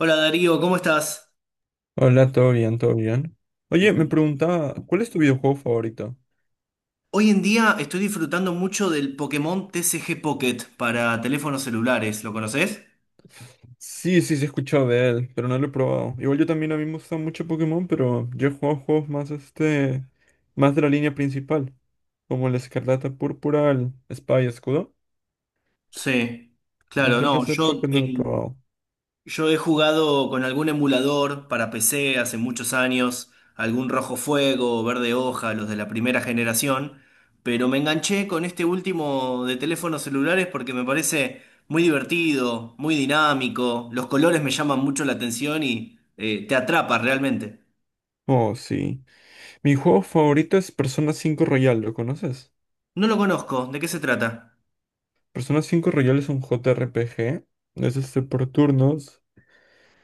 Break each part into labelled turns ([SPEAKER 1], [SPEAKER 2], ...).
[SPEAKER 1] Hola Darío, ¿cómo estás?
[SPEAKER 2] Hola, todo bien, todo bien. Oye, me
[SPEAKER 1] Bueno.
[SPEAKER 2] preguntaba, ¿cuál es tu videojuego favorito?
[SPEAKER 1] Hoy en día estoy disfrutando mucho del Pokémon TCG Pocket para teléfonos celulares. ¿Lo conoces?
[SPEAKER 2] Sí, sí, sí he escuchado de él, pero no lo he probado. Igual yo también a mí me gusta mucho Pokémon, pero yo he jugado juegos más más de la línea principal, como el Escarlata Púrpura, el Espada y Escudo.
[SPEAKER 1] Sí,
[SPEAKER 2] El
[SPEAKER 1] claro, no.
[SPEAKER 2] DGC
[SPEAKER 1] Yo,
[SPEAKER 2] Pokémon no lo he
[SPEAKER 1] en-
[SPEAKER 2] probado.
[SPEAKER 1] yo he jugado con algún emulador para PC hace muchos años, algún Rojo Fuego, Verde Hoja, los de la primera generación, pero me enganché con este último de teléfonos celulares porque me parece muy divertido, muy dinámico, los colores me llaman mucho la atención y te atrapa realmente.
[SPEAKER 2] Oh, sí. Mi juego favorito es Persona cinco Royal, ¿lo conoces?
[SPEAKER 1] No lo conozco, ¿de qué se trata?
[SPEAKER 2] Persona cinco Royal es un JRPG, es por turnos.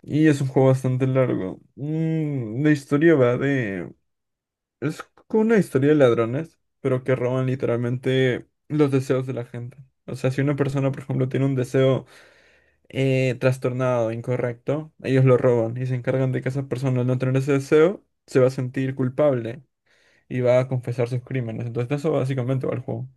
[SPEAKER 2] Y es un juego bastante largo. La historia va de. Es como una historia de ladrones, pero que roban literalmente los deseos de la gente. O sea, si una persona, por ejemplo, tiene un deseo trastornado, incorrecto, ellos lo roban y se encargan de que esa persona al no tener ese deseo se va a sentir culpable y va a confesar sus crímenes. Entonces, de eso básicamente va el juego.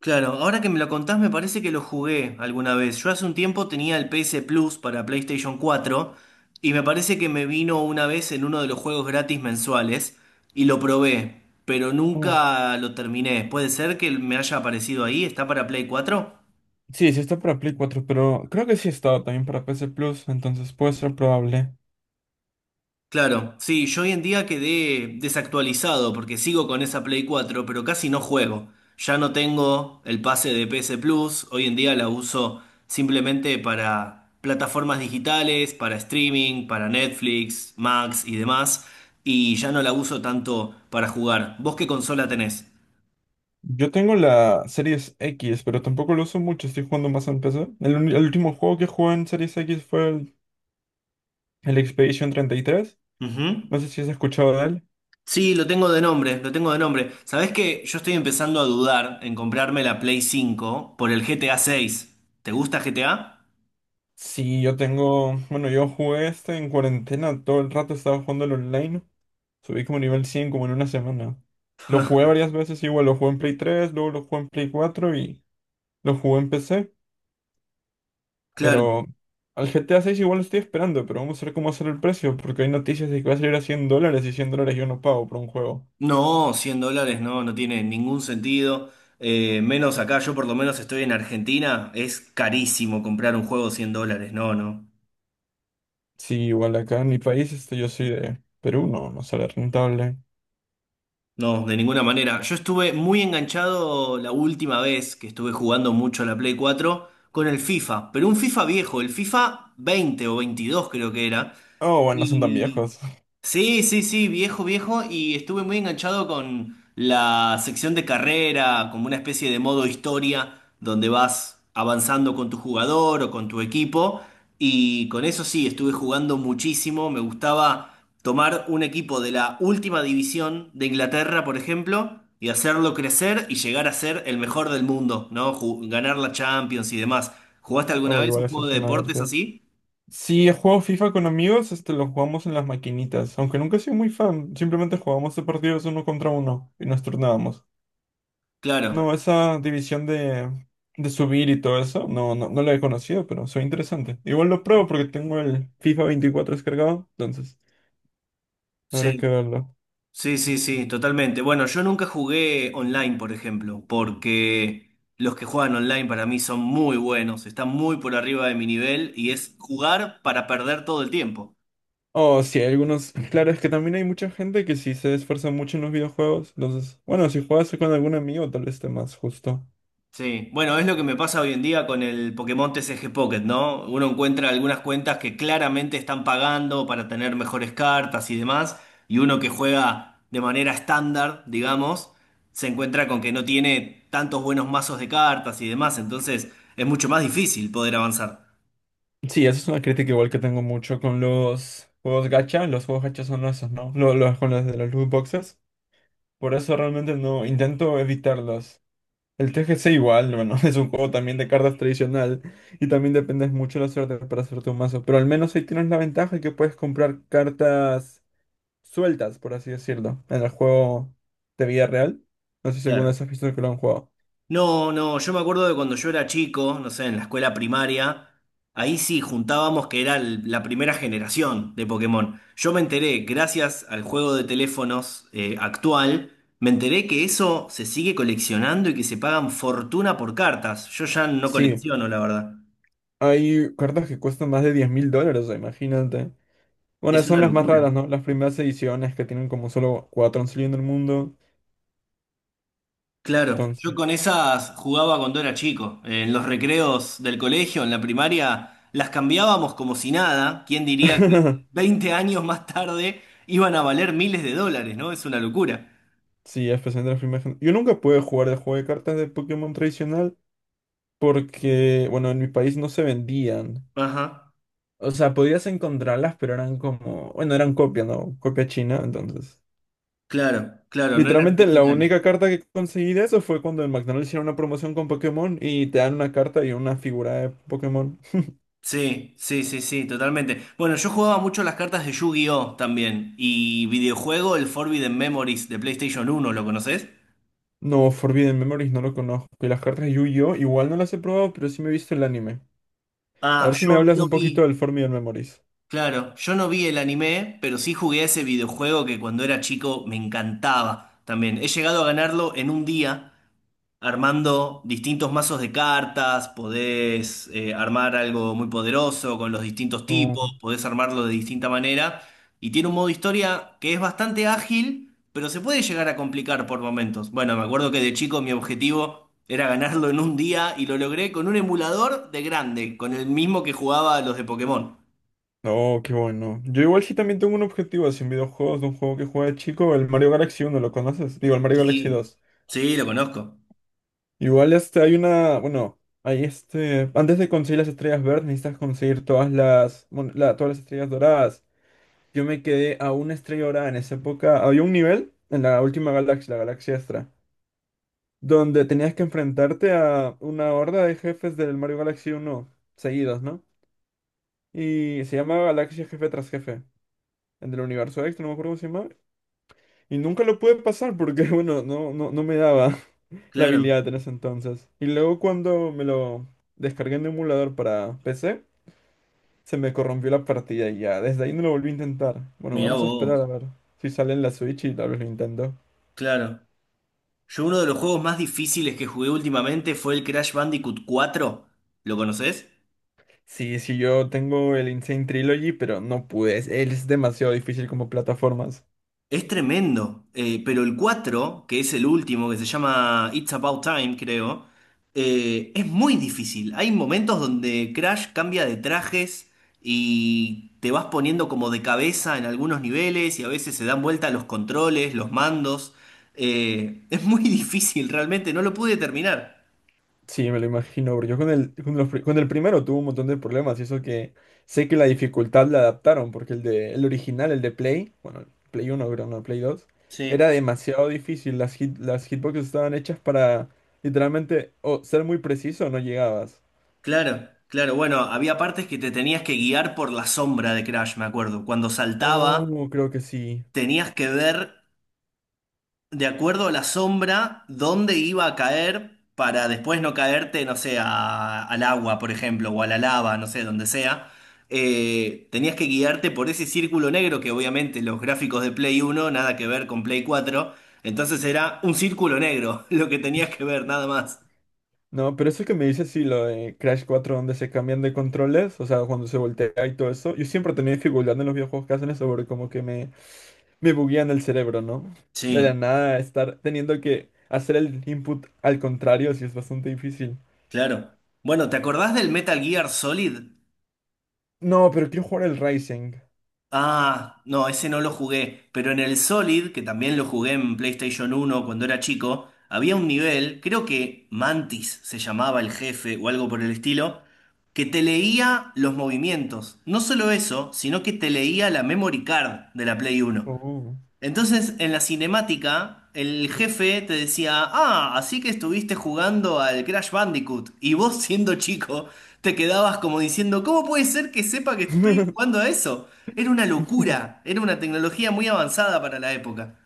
[SPEAKER 1] Claro, ahora que me lo contás me parece que lo jugué alguna vez. Yo hace un tiempo tenía el PS Plus para PlayStation 4 y me parece que me vino una vez en uno de los juegos gratis mensuales y lo probé, pero
[SPEAKER 2] Oh.
[SPEAKER 1] nunca lo terminé. ¿Puede ser que me haya aparecido ahí? ¿Está para Play 4?
[SPEAKER 2] Sí, sí está para Play 4, pero creo que sí estaba también para PC Plus, entonces puede ser probable.
[SPEAKER 1] Claro, sí, yo hoy en día quedé desactualizado porque sigo con esa Play 4, pero casi no juego. Ya no tengo el pase de PS Plus, hoy en día la uso simplemente para plataformas digitales, para streaming, para Netflix, Max y demás, y ya no la uso tanto para jugar. ¿Vos qué consola tenés?
[SPEAKER 2] Yo tengo la Series X, pero tampoco lo uso mucho, estoy jugando más en PC. El último juego que jugué en Series X fue el Expedition 33.
[SPEAKER 1] Ujú.
[SPEAKER 2] No sé si has escuchado de él.
[SPEAKER 1] Sí, lo tengo de nombre, lo tengo de nombre. ¿Sabés que yo estoy empezando a dudar en comprarme la Play 5 por el GTA 6? ¿Te gusta GTA?
[SPEAKER 2] Sí, yo jugué en cuarentena, todo el rato estaba jugando el online. Subí como nivel 100 como en una semana. Lo jugué varias veces, igual lo jugué en Play 3, luego lo jugué en Play 4 y lo jugué en PC.
[SPEAKER 1] Claro.
[SPEAKER 2] Pero al GTA 6 igual lo estoy esperando, pero vamos a ver cómo va a ser el precio, porque hay noticias de que va a salir a $100 y $100 yo no pago por un juego.
[SPEAKER 1] No, $100 no, no tiene ningún sentido. Menos acá, yo por lo menos estoy en Argentina, es carísimo comprar un juego 100 dólares, no, no,
[SPEAKER 2] Sí, igual acá en mi país, yo soy de Perú, no, no sale rentable.
[SPEAKER 1] no, de ninguna manera. Yo estuve muy enganchado la última vez que estuve jugando mucho a la Play 4 con el FIFA, pero un FIFA viejo, el FIFA 20 o 22 creo que era.
[SPEAKER 2] Oh, bueno, no son tan
[SPEAKER 1] Y
[SPEAKER 2] viejos.
[SPEAKER 1] sí, sí, sí, viejo, viejo, y estuve muy enganchado con la sección de carrera, como una especie de modo historia, donde vas avanzando con tu jugador o con tu equipo, y con eso sí, estuve jugando muchísimo, me gustaba tomar un equipo de la última división de Inglaterra, por ejemplo, y hacerlo crecer y llegar a ser el mejor del mundo, ¿no? Ganar la Champions y demás. ¿Jugaste alguna
[SPEAKER 2] Oh,
[SPEAKER 1] vez
[SPEAKER 2] igual
[SPEAKER 1] un
[SPEAKER 2] eso
[SPEAKER 1] juego
[SPEAKER 2] es
[SPEAKER 1] de
[SPEAKER 2] una
[SPEAKER 1] deportes
[SPEAKER 2] verdad.
[SPEAKER 1] así?
[SPEAKER 2] Sí, he jugado FIFA con amigos, lo jugamos en las maquinitas, aunque nunca he sido muy fan, simplemente jugábamos de partidos uno contra uno y nos turnábamos.
[SPEAKER 1] Claro,
[SPEAKER 2] No, esa división de subir y todo eso, no, no, no la he conocido, pero soy interesante. Igual lo pruebo porque tengo el FIFA 24 descargado, entonces habrá que
[SPEAKER 1] sí.
[SPEAKER 2] verlo.
[SPEAKER 1] Sí, sí, sí, totalmente. Bueno, yo nunca jugué online, por ejemplo, porque los que juegan online para mí son muy buenos, están muy por arriba de mi nivel y es jugar para perder todo el tiempo.
[SPEAKER 2] Oh, sí, hay algunos. Claro, es que también hay mucha gente que sí se esfuerza mucho en los videojuegos. Entonces, bueno, si juegas con algún amigo, tal vez esté más justo.
[SPEAKER 1] Sí, bueno, es lo que me pasa hoy en día con el Pokémon TCG Pocket, ¿no? Uno encuentra algunas cuentas que claramente están pagando para tener mejores cartas y demás, y uno que juega de manera estándar, digamos, se encuentra con que no tiene tantos buenos mazos de cartas y demás, entonces es mucho más difícil poder avanzar.
[SPEAKER 2] Sí, esa es una crítica igual que tengo mucho con los juegos gacha. Los juegos gacha son esos, ¿no? Los, con los de los loot boxes. Por eso realmente no intento evitarlos. El TGC igual, bueno, es un juego también de cartas tradicional y también dependes mucho de la suerte para hacer tu mazo. Pero al menos ahí tienes la ventaja que puedes comprar cartas sueltas, por así decirlo, en el juego de vida real. No sé si alguna
[SPEAKER 1] Claro.
[SPEAKER 2] vez has visto que lo han jugado.
[SPEAKER 1] No, no, yo me acuerdo de cuando yo era chico, no sé, en la escuela primaria, ahí sí juntábamos que era la primera generación de Pokémon. Yo me enteré, gracias al juego de teléfonos actual, me enteré que eso se sigue coleccionando y que se pagan fortuna por cartas. Yo ya no
[SPEAKER 2] Sí,
[SPEAKER 1] colecciono, la verdad.
[SPEAKER 2] hay cartas que cuestan más de 10.000 dólares, o sea, imagínate. Bueno,
[SPEAKER 1] Es
[SPEAKER 2] son
[SPEAKER 1] una
[SPEAKER 2] las más raras,
[SPEAKER 1] locura.
[SPEAKER 2] ¿no? Las primeras ediciones que tienen como solo cuatro han salido en el mundo.
[SPEAKER 1] Claro,
[SPEAKER 2] Entonces.
[SPEAKER 1] yo con esas jugaba cuando era chico. En los recreos del colegio, en la primaria, las cambiábamos como si nada. ¿Quién diría que 20 años más tarde iban a valer miles de dólares? ¿No? Es una locura.
[SPEAKER 2] Sí, especialmente las primeras. Yo nunca pude jugar el juego de cartas de Pokémon tradicional porque, bueno, en mi país no se vendían.
[SPEAKER 1] Ajá.
[SPEAKER 2] O sea, podías encontrarlas, pero eran como, bueno, eran copia, ¿no? Copia china, entonces.
[SPEAKER 1] Claro, claro, no eran
[SPEAKER 2] Literalmente la
[SPEAKER 1] originales.
[SPEAKER 2] única carta que conseguí de eso fue cuando en McDonald's hicieron una promoción con Pokémon y te dan una carta y una figura de Pokémon.
[SPEAKER 1] Sí, sí, sí, sí, totalmente. Bueno, yo jugaba mucho las cartas de Yu-Gi-Oh también. Y videojuego, el Forbidden Memories de PlayStation 1. ¿Lo conoces?
[SPEAKER 2] No, Forbidden Memories no lo conozco. Y las cartas de Yu-Gi-Oh! Igual no las he probado, pero sí me he visto el anime. A
[SPEAKER 1] Ah,
[SPEAKER 2] ver si me
[SPEAKER 1] yo
[SPEAKER 2] hablas
[SPEAKER 1] no
[SPEAKER 2] un
[SPEAKER 1] vi.
[SPEAKER 2] poquito del Forbidden Memories.
[SPEAKER 1] Claro, yo no vi el anime, pero sí jugué a ese videojuego que cuando era chico me encantaba también. He llegado a ganarlo en un día, armando distintos mazos de cartas, podés armar algo muy poderoso con los distintos
[SPEAKER 2] No,
[SPEAKER 1] tipos, podés armarlo de distinta manera, y tiene un modo historia que es bastante ágil, pero se puede llegar a complicar por momentos. Bueno, me acuerdo que de chico mi objetivo era ganarlo en un día y lo logré con un emulador de grande, con el mismo que jugaba a los de Pokémon.
[SPEAKER 2] no, qué bueno. Yo igual sí también tengo un objetivo así en videojuegos, de un juego que juega de chico, el Mario Galaxy uno, ¿lo conoces? Digo, el Mario Galaxy
[SPEAKER 1] Sí,
[SPEAKER 2] dos.
[SPEAKER 1] sí, lo conozco.
[SPEAKER 2] Igual hay bueno, hay antes de conseguir las estrellas verdes necesitas conseguir todas las, bueno, todas las estrellas doradas. Yo me quedé a una estrella dorada en esa época. Había un nivel en la última galaxia, la galaxia Astra, donde tenías que enfrentarte a una horda de jefes del Mario Galaxy uno seguidos, ¿no? Y se llamaba Galaxia Jefe tras Jefe, el del universo extra, no me acuerdo cómo se llamaba. Y nunca lo pude pasar porque, bueno, no, no, no me daba la
[SPEAKER 1] Claro,
[SPEAKER 2] habilidad en ese entonces. Y luego cuando me lo descargué en un emulador para PC, se me corrompió la partida y ya, desde ahí no lo volví a intentar. Bueno,
[SPEAKER 1] mirá
[SPEAKER 2] vamos a esperar a
[SPEAKER 1] vos,
[SPEAKER 2] ver si sale en la Switch y tal vez lo intento.
[SPEAKER 1] claro. Yo uno de los juegos más difíciles que jugué últimamente fue el Crash Bandicoot 4. ¿Lo conoces?
[SPEAKER 2] Sí, sí, yo tengo el Insane Trilogy, pero no pude. Es demasiado difícil como plataformas.
[SPEAKER 1] Es tremendo, pero el cuatro, que es el último, que se llama It's About Time, creo, es muy difícil. Hay momentos donde Crash cambia de trajes y te vas poniendo como de cabeza en algunos niveles y a veces se dan vuelta los controles, los mandos. Es muy difícil, realmente, no lo pude terminar.
[SPEAKER 2] Sí, me lo imagino, bro. Yo con el primero tuve un montón de problemas y eso que sé que la dificultad la adaptaron, porque el original, el de Play, bueno, Play uno, creo, no, Play 2, era
[SPEAKER 1] Sí,
[SPEAKER 2] demasiado difícil. Las hitboxes estaban hechas para literalmente o ser muy preciso o no llegabas.
[SPEAKER 1] claro, claro. Bueno, había partes que te tenías que guiar por la sombra de Crash, me acuerdo. Cuando saltaba
[SPEAKER 2] Oh, creo que sí.
[SPEAKER 1] tenías que ver de acuerdo a la sombra, dónde iba a caer para después no caerte, no sé, al agua, por ejemplo, o a la lava, no sé, donde sea. Tenías que guiarte por ese círculo negro que obviamente los gráficos de Play 1 nada que ver con Play 4. Entonces era un círculo negro lo que tenías que ver, nada más.
[SPEAKER 2] No, pero eso que me dices, sí, lo de Crash 4, donde se cambian de controles, o sea, cuando se voltea y todo eso, yo siempre tenía dificultad en los videojuegos que hacen eso, porque como que me buguean el cerebro, ¿no? De la
[SPEAKER 1] Sí,
[SPEAKER 2] nada, estar teniendo que hacer el input al contrario, sí es bastante difícil.
[SPEAKER 1] claro. Bueno, ¿te acordás del Metal Gear Solid?
[SPEAKER 2] No, pero quiero jugar el Rising.
[SPEAKER 1] Ah, no, ese no lo jugué, pero en el Solid, que también lo jugué en PlayStation 1 cuando era chico, había un nivel, creo que Mantis se llamaba el jefe o algo por el estilo, que te leía los movimientos. No solo eso, sino que te leía la memory card de la Play 1.
[SPEAKER 2] Oh.
[SPEAKER 1] Entonces, en la cinemática, el jefe te decía: ah, así que estuviste jugando al Crash Bandicoot. Y vos, siendo chico, te quedabas como diciendo, ¿cómo puede ser que sepa que estoy jugando a eso? Era una locura, era una tecnología muy avanzada para la época.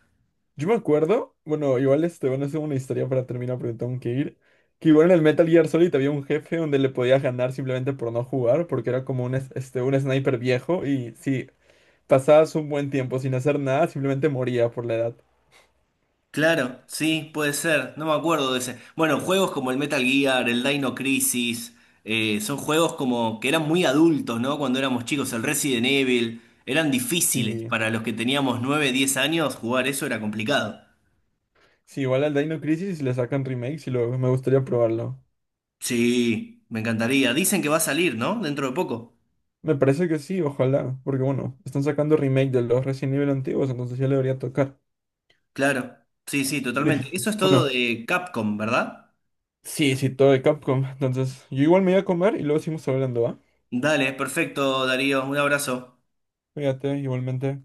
[SPEAKER 2] Yo me acuerdo, bueno, igual bueno, es una historia para terminar, porque tengo que ir. Que igual en el Metal Gear Solid había un jefe donde le podías ganar simplemente por no jugar, porque era como un sniper viejo. Y si pasabas un buen tiempo sin hacer nada, simplemente moría por la edad.
[SPEAKER 1] Claro, sí, puede ser, no me acuerdo de ese. Bueno, juegos como el Metal Gear, el Dino Crisis, son juegos como que eran muy adultos, ¿no? Cuando éramos chicos, el Resident Evil, eran difíciles.
[SPEAKER 2] Sí,
[SPEAKER 1] Para los que teníamos 9, 10 años, jugar eso era complicado.
[SPEAKER 2] sí, igual al Dino Crisis le sacan remakes y luego me gustaría probarlo.
[SPEAKER 1] Sí, me encantaría. Dicen que va a salir, ¿no? Dentro de poco.
[SPEAKER 2] Me parece que sí, ojalá, porque bueno, están sacando remake de los Resident Evil antiguos, entonces ya le debería tocar.
[SPEAKER 1] Claro, sí, sí,
[SPEAKER 2] Pero,
[SPEAKER 1] totalmente. Eso es todo
[SPEAKER 2] bueno,
[SPEAKER 1] de Capcom, ¿verdad?
[SPEAKER 2] sí, sí, todo de Capcom. Entonces, yo igual me voy a comer y luego seguimos hablando, ¿va?
[SPEAKER 1] Dale, perfecto, Darío, un abrazo.
[SPEAKER 2] Cuídate, igualmente.